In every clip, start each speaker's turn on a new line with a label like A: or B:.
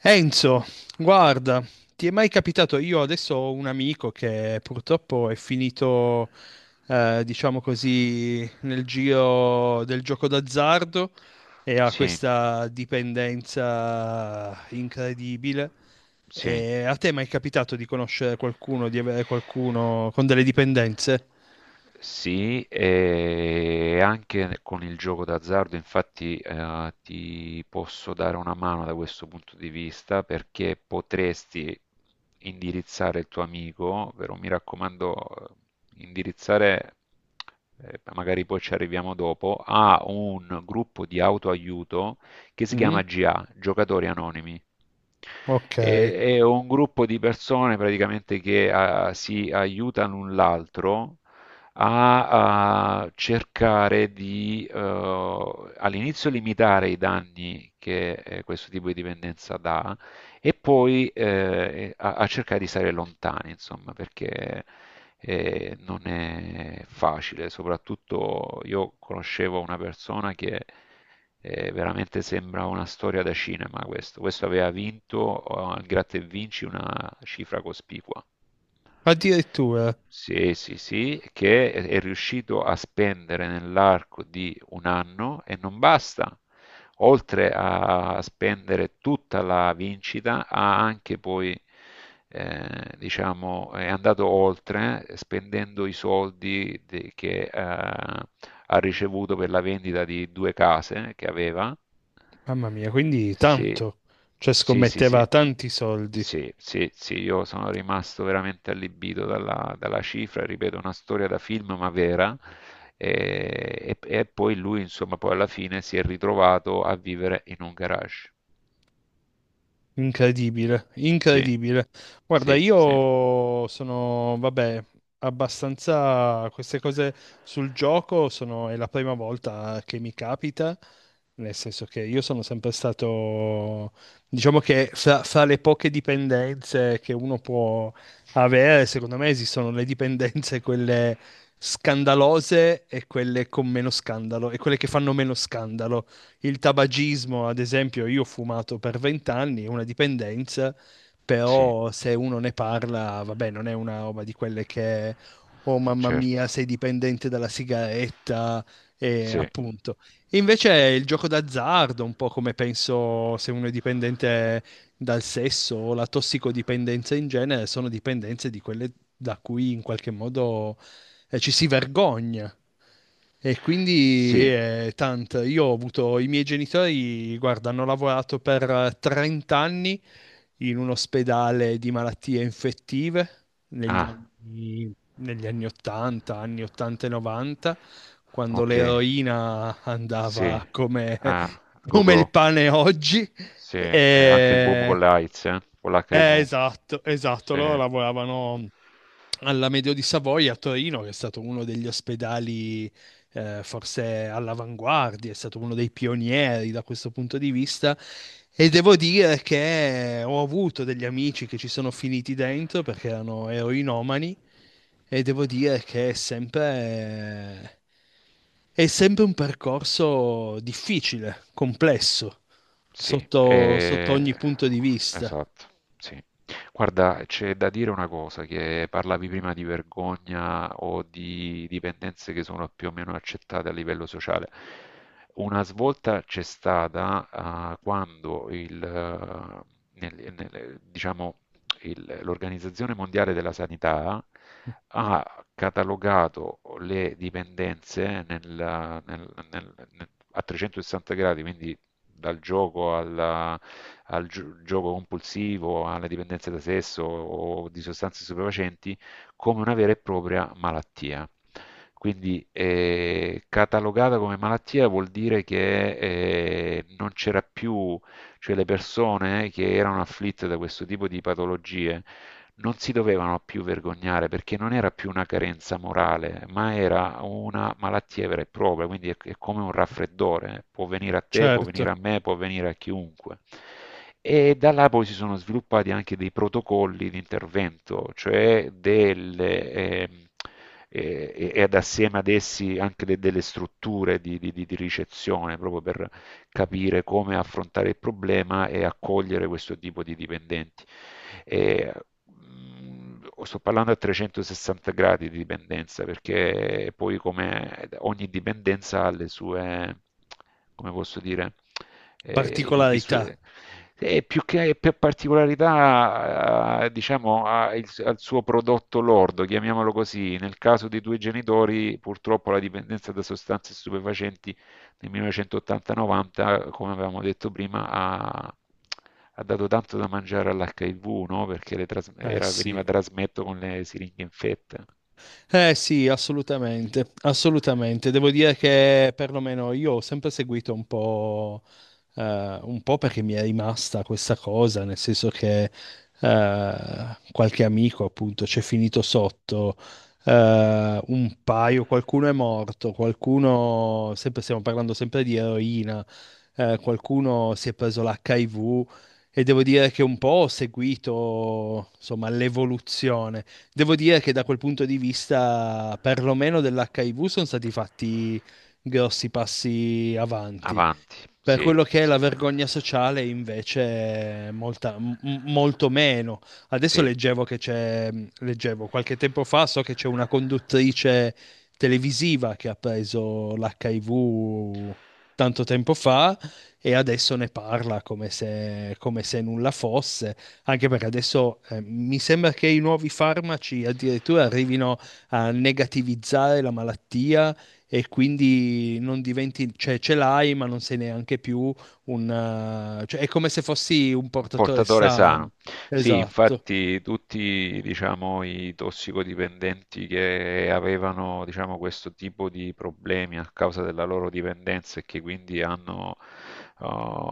A: Enzo, guarda, ti è mai capitato? Io adesso ho un amico che purtroppo è finito, diciamo così, nel giro del gioco d'azzardo e ha
B: Sì,
A: questa dipendenza incredibile.
B: sì.
A: E a te è mai capitato di conoscere qualcuno, di avere qualcuno con delle dipendenze?
B: Sì, e anche con il gioco d'azzardo, infatti, ti posso dare una mano da questo punto di vista perché potresti indirizzare il tuo amico, però mi raccomando, indirizzare, magari poi ci arriviamo dopo, a un gruppo di autoaiuto che si
A: Mm?
B: chiama GA, Giocatori Anonimi.
A: Ok,
B: È un gruppo di persone praticamente che si aiutano l'un l'altro a cercare di all'inizio limitare i danni che questo tipo di dipendenza dà e poi a cercare di stare lontani, insomma, perché non è facile. Soprattutto io conoscevo una persona che veramente sembra una storia da cinema questo. Questo aveva vinto al Gratta e Vinci una cifra cospicua.
A: addirittura,
B: Sì, sì, sì, che è riuscito a spendere nell'arco di un anno e non basta. Oltre a spendere tutta la vincita, ha anche poi, diciamo, è andato oltre spendendo i soldi che ha ricevuto per la vendita di due case che aveva.
A: mamma mia, quindi
B: Sì,
A: tanto, cioè
B: sì, sì,
A: scommetteva
B: sì,
A: tanti soldi.
B: sì, sì, sì, io sono rimasto veramente allibito dalla cifra, ripeto, una storia da film ma vera. E poi lui, insomma, poi alla fine si è ritrovato a vivere in un garage.
A: Incredibile,
B: Sì,
A: incredibile. Guarda,
B: sì, sì,
A: io sono, vabbè, abbastanza queste cose sul gioco sono, è la prima volta che mi capita, nel senso che io sono sempre stato, diciamo che fra le poche dipendenze che uno può avere, secondo me esistono le dipendenze quelle scandalose e quelle con meno scandalo e quelle che fanno meno scandalo il tabagismo, ad esempio, io ho fumato per vent'anni, è una dipendenza,
B: sì,
A: però se uno ne parla, vabbè, non è una roba di quelle che, oh mamma
B: certo,
A: mia, sei dipendente dalla sigaretta, e
B: sì,
A: appunto. Invece è il gioco d'azzardo, un po' come penso se uno è dipendente dal sesso o la tossicodipendenza in genere, sono dipendenze di quelle da cui in qualche modo ci si vergogna. E quindi
B: sì,
A: tanto, io ho avuto i miei genitori, guarda, hanno lavorato per 30 anni in un ospedale di malattie infettive negli
B: ah,
A: anni, negli anni 80, anni 80 e 90, quando
B: ok,
A: l'eroina
B: sì,
A: andava come,
B: ah, go
A: come il
B: go.
A: pane oggi.
B: Sì, anche il boom con
A: E,
B: le AIDS, con l'HIV.
A: esatto, esatto. Loro
B: Sì.
A: lavoravano alla Medio di Savoia a Torino, che è stato uno degli ospedali forse all'avanguardia, è stato uno dei pionieri da questo punto di vista. E devo dire che ho avuto degli amici che ci sono finiti dentro perché erano eroinomani e devo dire che è sempre un percorso difficile, complesso,
B: Sì,
A: sotto sotto ogni punto di vista.
B: esatto, sì. Guarda, c'è da dire una cosa, che parlavi prima di vergogna o di dipendenze che sono più o meno accettate a livello sociale. Una svolta c'è stata, ah, quando diciamo, l'Organizzazione Mondiale della Sanità ha catalogato le dipendenze a 360 gradi, quindi dal gioco gioco compulsivo, alle dipendenze da sesso o di sostanze stupefacenti, come una vera e propria malattia. Quindi catalogata come malattia vuol dire che non c'era più, cioè le persone che erano afflitte da questo tipo di patologie non si dovevano più vergognare perché non era più una carenza morale, ma era una malattia vera e propria, quindi è come un raffreddore. Può venire a te, può
A: Certo.
B: venire a me, può venire a chiunque. E da là poi si sono sviluppati anche dei protocolli di intervento, cioè delle... e- ed assieme ad essi anche delle strutture di ricezione proprio per capire come affrontare il problema e accogliere questo tipo di dipendenti. E, sto parlando a 360 gradi di dipendenza, perché poi come ogni dipendenza ha le sue, come posso dire, eh, i, i
A: Particolarità.
B: sue- e più che per particolarità, diciamo, ha al suo prodotto lordo, chiamiamolo così. Nel caso dei due genitori, purtroppo la dipendenza da sostanze stupefacenti nel 1980-90, come avevamo detto prima, ha dato tanto da mangiare all'HIV, no? Perché
A: Eh sì,
B: veniva trasmesso con le siringhe infette.
A: eh sì, assolutamente, assolutamente. Devo dire che perlomeno io ho sempre seguito un po' perché mi è rimasta questa cosa, nel senso che qualche amico appunto c'è finito sotto, un paio, qualcuno è morto, qualcuno, sempre, stiamo parlando sempre di eroina, qualcuno si è preso l'HIV e devo dire che un po' ho seguito insomma l'evoluzione. Devo dire che da quel punto di vista, perlomeno dell'HIV, sono stati fatti grossi passi avanti.
B: Avanti,
A: Per
B: sì,
A: quello che è
B: sì,
A: la vergogna sociale, invece, è molta- m- molto meno. Adesso
B: sì.
A: leggevo che c'è, leggevo qualche tempo fa, so che c'è una conduttrice televisiva che ha preso l'HIV tanto tempo fa e adesso ne parla come se nulla fosse, anche perché adesso mi sembra che i nuovi farmaci addirittura arrivino a negativizzare la malattia e quindi non diventi, cioè ce l'hai, ma non sei neanche più un, cioè è come se fossi un
B: Un
A: portatore
B: portatore sano.
A: sano.
B: Sì,
A: Esatto,
B: infatti tutti, diciamo, i tossicodipendenti che avevano, diciamo, questo tipo di problemi a causa della loro dipendenza e che quindi hanno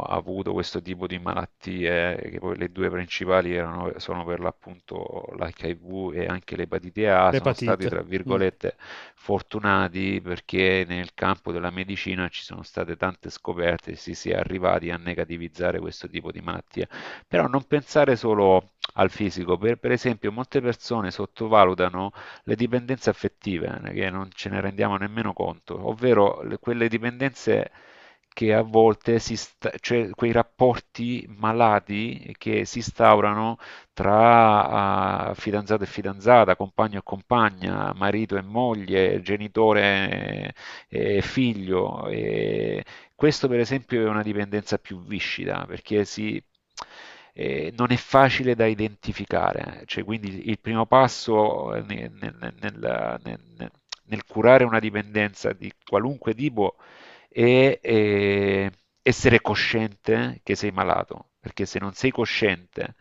B: avuto questo tipo di malattie, che poi le due principali erano, sono per l'appunto l'HIV e anche l'epatite A, sono stati,
A: l'epatite.
B: tra
A: Mm,
B: virgolette, fortunati perché nel campo della medicina ci sono state tante scoperte e si è arrivati a negativizzare questo tipo di malattie. Però non pensare solo al fisico, per esempio molte persone sottovalutano le dipendenze affettive, che non ce ne rendiamo nemmeno conto, ovvero quelle dipendenze che a volte cioè quei rapporti malati che si instaurano tra fidanzato e fidanzata, compagno e compagna, marito e moglie, genitore e figlio. E questo per esempio è una dipendenza più viscida, perché si, non è facile da identificare. Cioè, quindi il primo passo nel curare una dipendenza di qualunque tipo è, essere cosciente che sei malato, perché se non sei cosciente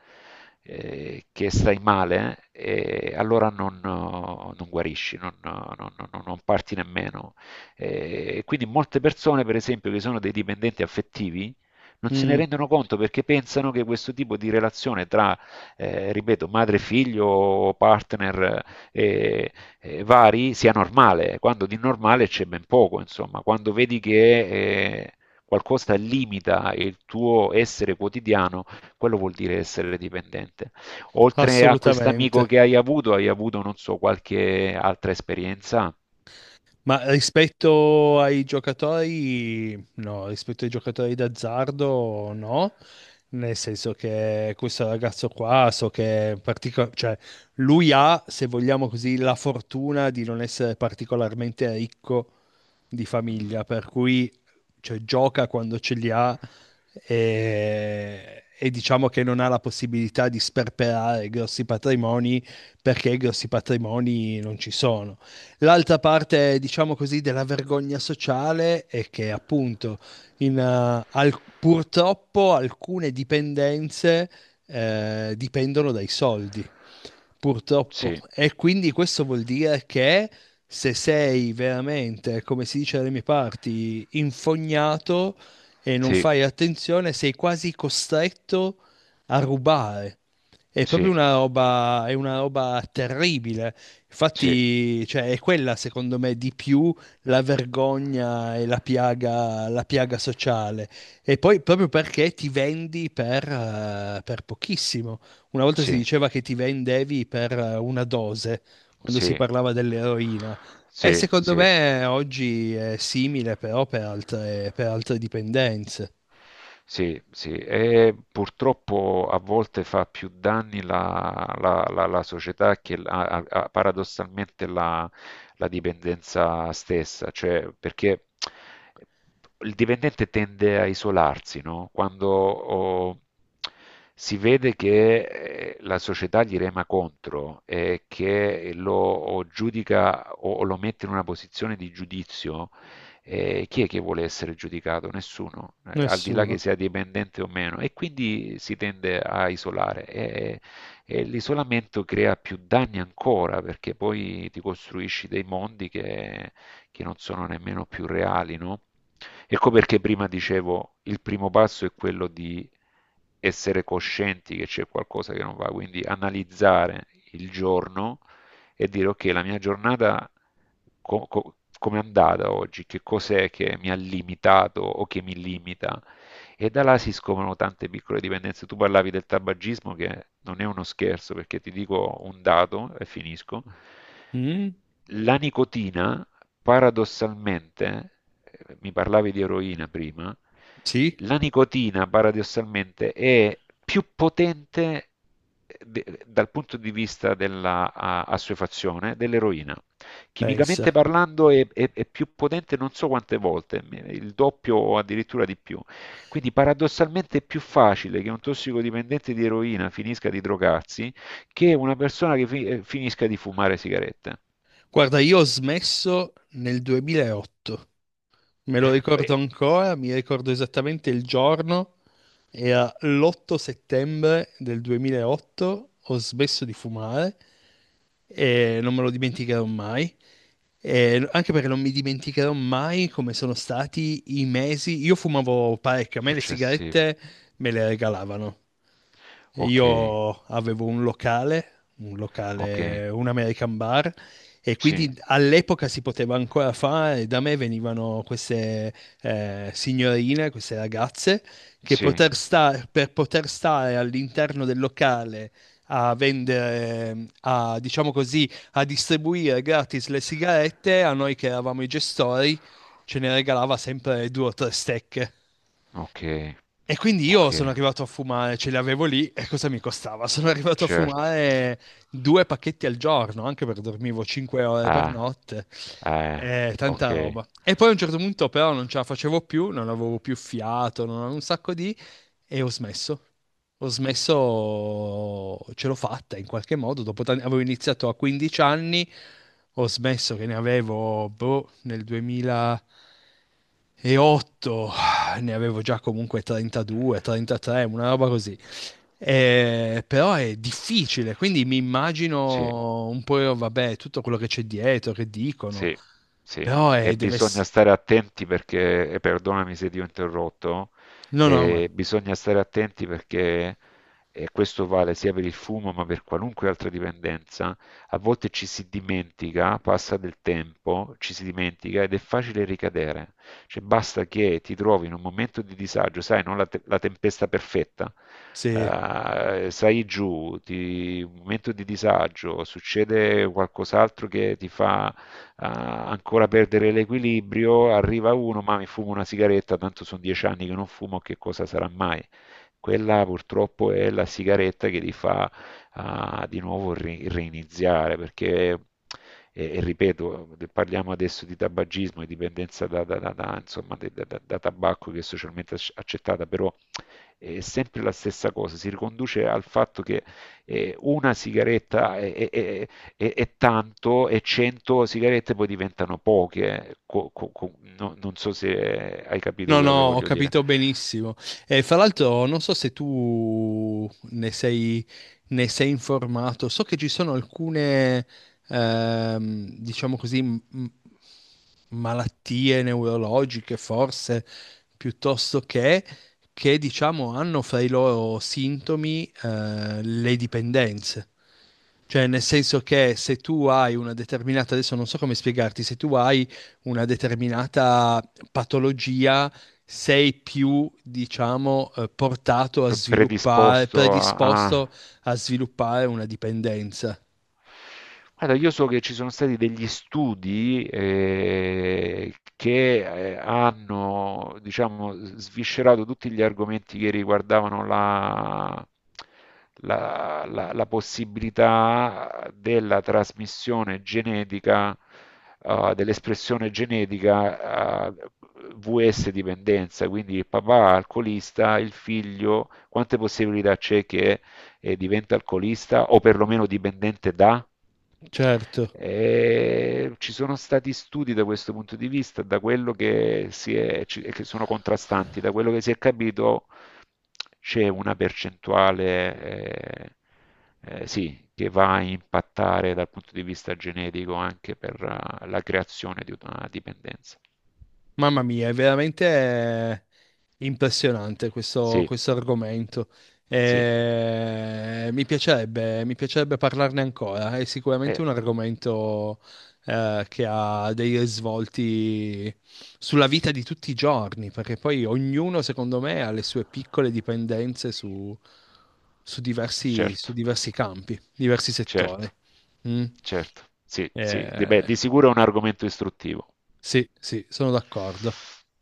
B: che stai male, allora non guarisci, non parti nemmeno. Quindi molte persone, per esempio, che sono dei dipendenti affettivi, non se ne
A: mm,
B: rendono conto perché pensano che questo tipo di relazione tra, ripeto, madre, figlio, partner eh, vari sia normale, quando di normale c'è ben poco, insomma, quando vedi che eh, qualcosa limita il tuo essere quotidiano, quello vuol dire essere dipendente. Oltre a quest'amico
A: assolutamente.
B: che hai avuto, non so, qualche altra esperienza?
A: Ma rispetto ai giocatori, no, rispetto ai giocatori d'azzardo, no, nel senso che questo ragazzo qua, cioè, lui ha, se vogliamo così, la fortuna di non essere particolarmente ricco di
B: Mm,
A: famiglia, per cui cioè, gioca quando ce li ha e diciamo che non ha la possibilità di sperperare grossi patrimoni perché grossi patrimoni non ci sono. L'altra parte, diciamo così, della vergogna sociale è che appunto purtroppo alcune dipendenze dipendono dai soldi, purtroppo.
B: sì,
A: E quindi questo vuol dire che se sei veramente, come si dice dalle mie parti, infognato e non
B: sì,
A: fai attenzione, sei quasi costretto a rubare. È proprio
B: sì,
A: una roba, è una roba terribile.
B: sì,
A: Infatti, cioè, è quella, secondo me, di più la vergogna e la piaga sociale. E poi proprio perché ti vendi per pochissimo. Una volta si
B: sì,
A: diceva che ti vendevi per una dose, quando si
B: sì,
A: parlava dell'eroina. E
B: sì,
A: secondo
B: sì.
A: me oggi è simile, però per altre dipendenze.
B: Sì, sì, e purtroppo a volte fa più danni la società che paradossalmente la dipendenza stessa, cioè perché il dipendente tende a isolarsi, no? Quando si vede che la società gli rema contro e che lo giudica o lo mette in una posizione di giudizio. Chi è che vuole essere giudicato? Nessuno, al di là che
A: Nessuno.
B: sia dipendente o meno, e quindi si tende a isolare e l'isolamento crea più danni ancora perché poi ti costruisci dei mondi che non sono nemmeno più reali, no? Ecco perché prima dicevo, il primo passo è quello di essere coscienti che c'è qualcosa che non va, quindi analizzare il giorno e dire ok, la mia giornata com'è andata oggi, che cos'è che mi ha limitato o che mi limita. E da là si scoprono tante piccole dipendenze. Tu parlavi del tabagismo, che non è uno scherzo, perché ti dico un dato e finisco.
A: Mm?
B: La nicotina paradossalmente, mi parlavi di eroina prima,
A: Sì,
B: la nicotina paradossalmente è più potente dal punto di vista della assuefazione dell'eroina. Chimicamente
A: pensa.
B: parlando è più potente non so quante volte, il doppio o addirittura di più. Quindi paradossalmente è più facile che un tossicodipendente di eroina finisca di drogarsi che una persona che finisca di fumare sigarette.
A: Guarda, io ho smesso nel 2008, me lo
B: Eh,
A: ricordo ancora, mi ricordo esattamente il giorno era l'8 settembre del 2008, ho smesso di fumare e non me lo dimenticherò mai. E anche perché non mi dimenticherò mai come sono stati i mesi. Io fumavo parecchio, a me le
B: Successivi.
A: sigarette me le regalavano. E
B: Ok,
A: io avevo un locale, un
B: ok,
A: locale, un American bar, e
B: sì,
A: quindi all'epoca si poteva ancora fare. Da me venivano queste signorine, queste ragazze,
B: sì,
A: per poter stare all'interno del locale a vendere, a, diciamo così, a distribuire gratis le sigarette, a noi che eravamo i gestori, ce ne regalava sempre due o tre stecche.
B: ok,
A: E quindi io
B: ok,
A: sono arrivato a fumare, ce li avevo lì e cosa mi costava? Sono arrivato a
B: certo.
A: fumare due pacchetti al giorno, anche perché dormivo 5 ore per
B: Ah,
A: notte,
B: eh, ok,
A: tanta roba. E poi a un certo punto però non ce la facevo più, non avevo più fiato, non avevo un sacco di... e ho smesso. Ho smesso, ce l'ho fatta in qualche modo, avevo iniziato a 15 anni, ho smesso che ne avevo, boh, nel 2008, ah, ne avevo già comunque 32, 33, una roba così. Però è difficile, quindi mi
B: sì,
A: immagino un po', vabbè, tutto quello che c'è dietro, che dicono,
B: sì, sì,
A: però
B: e
A: deve
B: bisogna
A: essere...
B: stare attenti perché, e perdonami se ti ho interrotto,
A: No, no, ma
B: bisogna stare attenti perché, e questo vale sia per il fumo ma per qualunque altra dipendenza, a volte ci si dimentica, passa del tempo, ci si dimentica ed è facile ricadere. Cioè basta che ti trovi in un momento di disagio, sai, non la, la tempesta perfetta,
A: sì.
B: sai giù, un momento di disagio, succede qualcos'altro che ti fa ancora perdere l'equilibrio, arriva uno, ma mi fumo una sigaretta, tanto sono 10 anni che non fumo, che cosa sarà mai? Quella purtroppo è la sigaretta che ti fa di nuovo reiniziare, perché e ripeto, parliamo adesso di tabagismo e dipendenza insomma, da tabacco che è socialmente accettata, però è sempre la stessa cosa, si riconduce al fatto che una sigaretta è tanto e 100 sigarette poi diventano poche. Non so se hai capito
A: No, no,
B: quello che
A: ho
B: voglio dire.
A: capito benissimo. E fra l'altro, non so se tu ne sei informato, so che ci sono alcune, diciamo così, malattie neurologiche, forse, piuttosto che diciamo hanno fra i loro sintomi le dipendenze. Cioè, nel senso che se tu hai una determinata, adesso non so come spiegarti, se tu hai una determinata patologia, sei più, diciamo, portato a sviluppare,
B: Predisposto a... a-
A: predisposto a sviluppare una dipendenza.
B: Guarda, io so che ci sono stati degli studi che hanno, diciamo, sviscerato tutti gli argomenti che riguardavano la possibilità della trasmissione genetica, dell'espressione genetica, VS dipendenza, quindi il papà alcolista, il figlio, quante possibilità c'è che diventa alcolista o perlomeno dipendente da...
A: Certo.
B: E ci sono stati studi da questo punto di vista, da quello che, si è, che sono contrastanti, da quello che si è capito c'è una percentuale eh, sì, che va a impattare dal punto di vista genetico anche per la creazione di una dipendenza.
A: Mamma mia, è veramente impressionante questo,
B: Sì,
A: questo argomento.
B: sì,
A: Mi piacerebbe parlarne ancora. È
B: eh,
A: sicuramente un argomento che ha dei risvolti sulla vita di tutti i giorni, perché poi ognuno, secondo me, ha le sue piccole dipendenze su, su
B: certo,
A: diversi campi, diversi settori.
B: certo.
A: Mm.
B: Certo, sì, sì, di, beh,
A: Eh,
B: di sicuro è un argomento istruttivo.
A: sì, sì, sono d'accordo.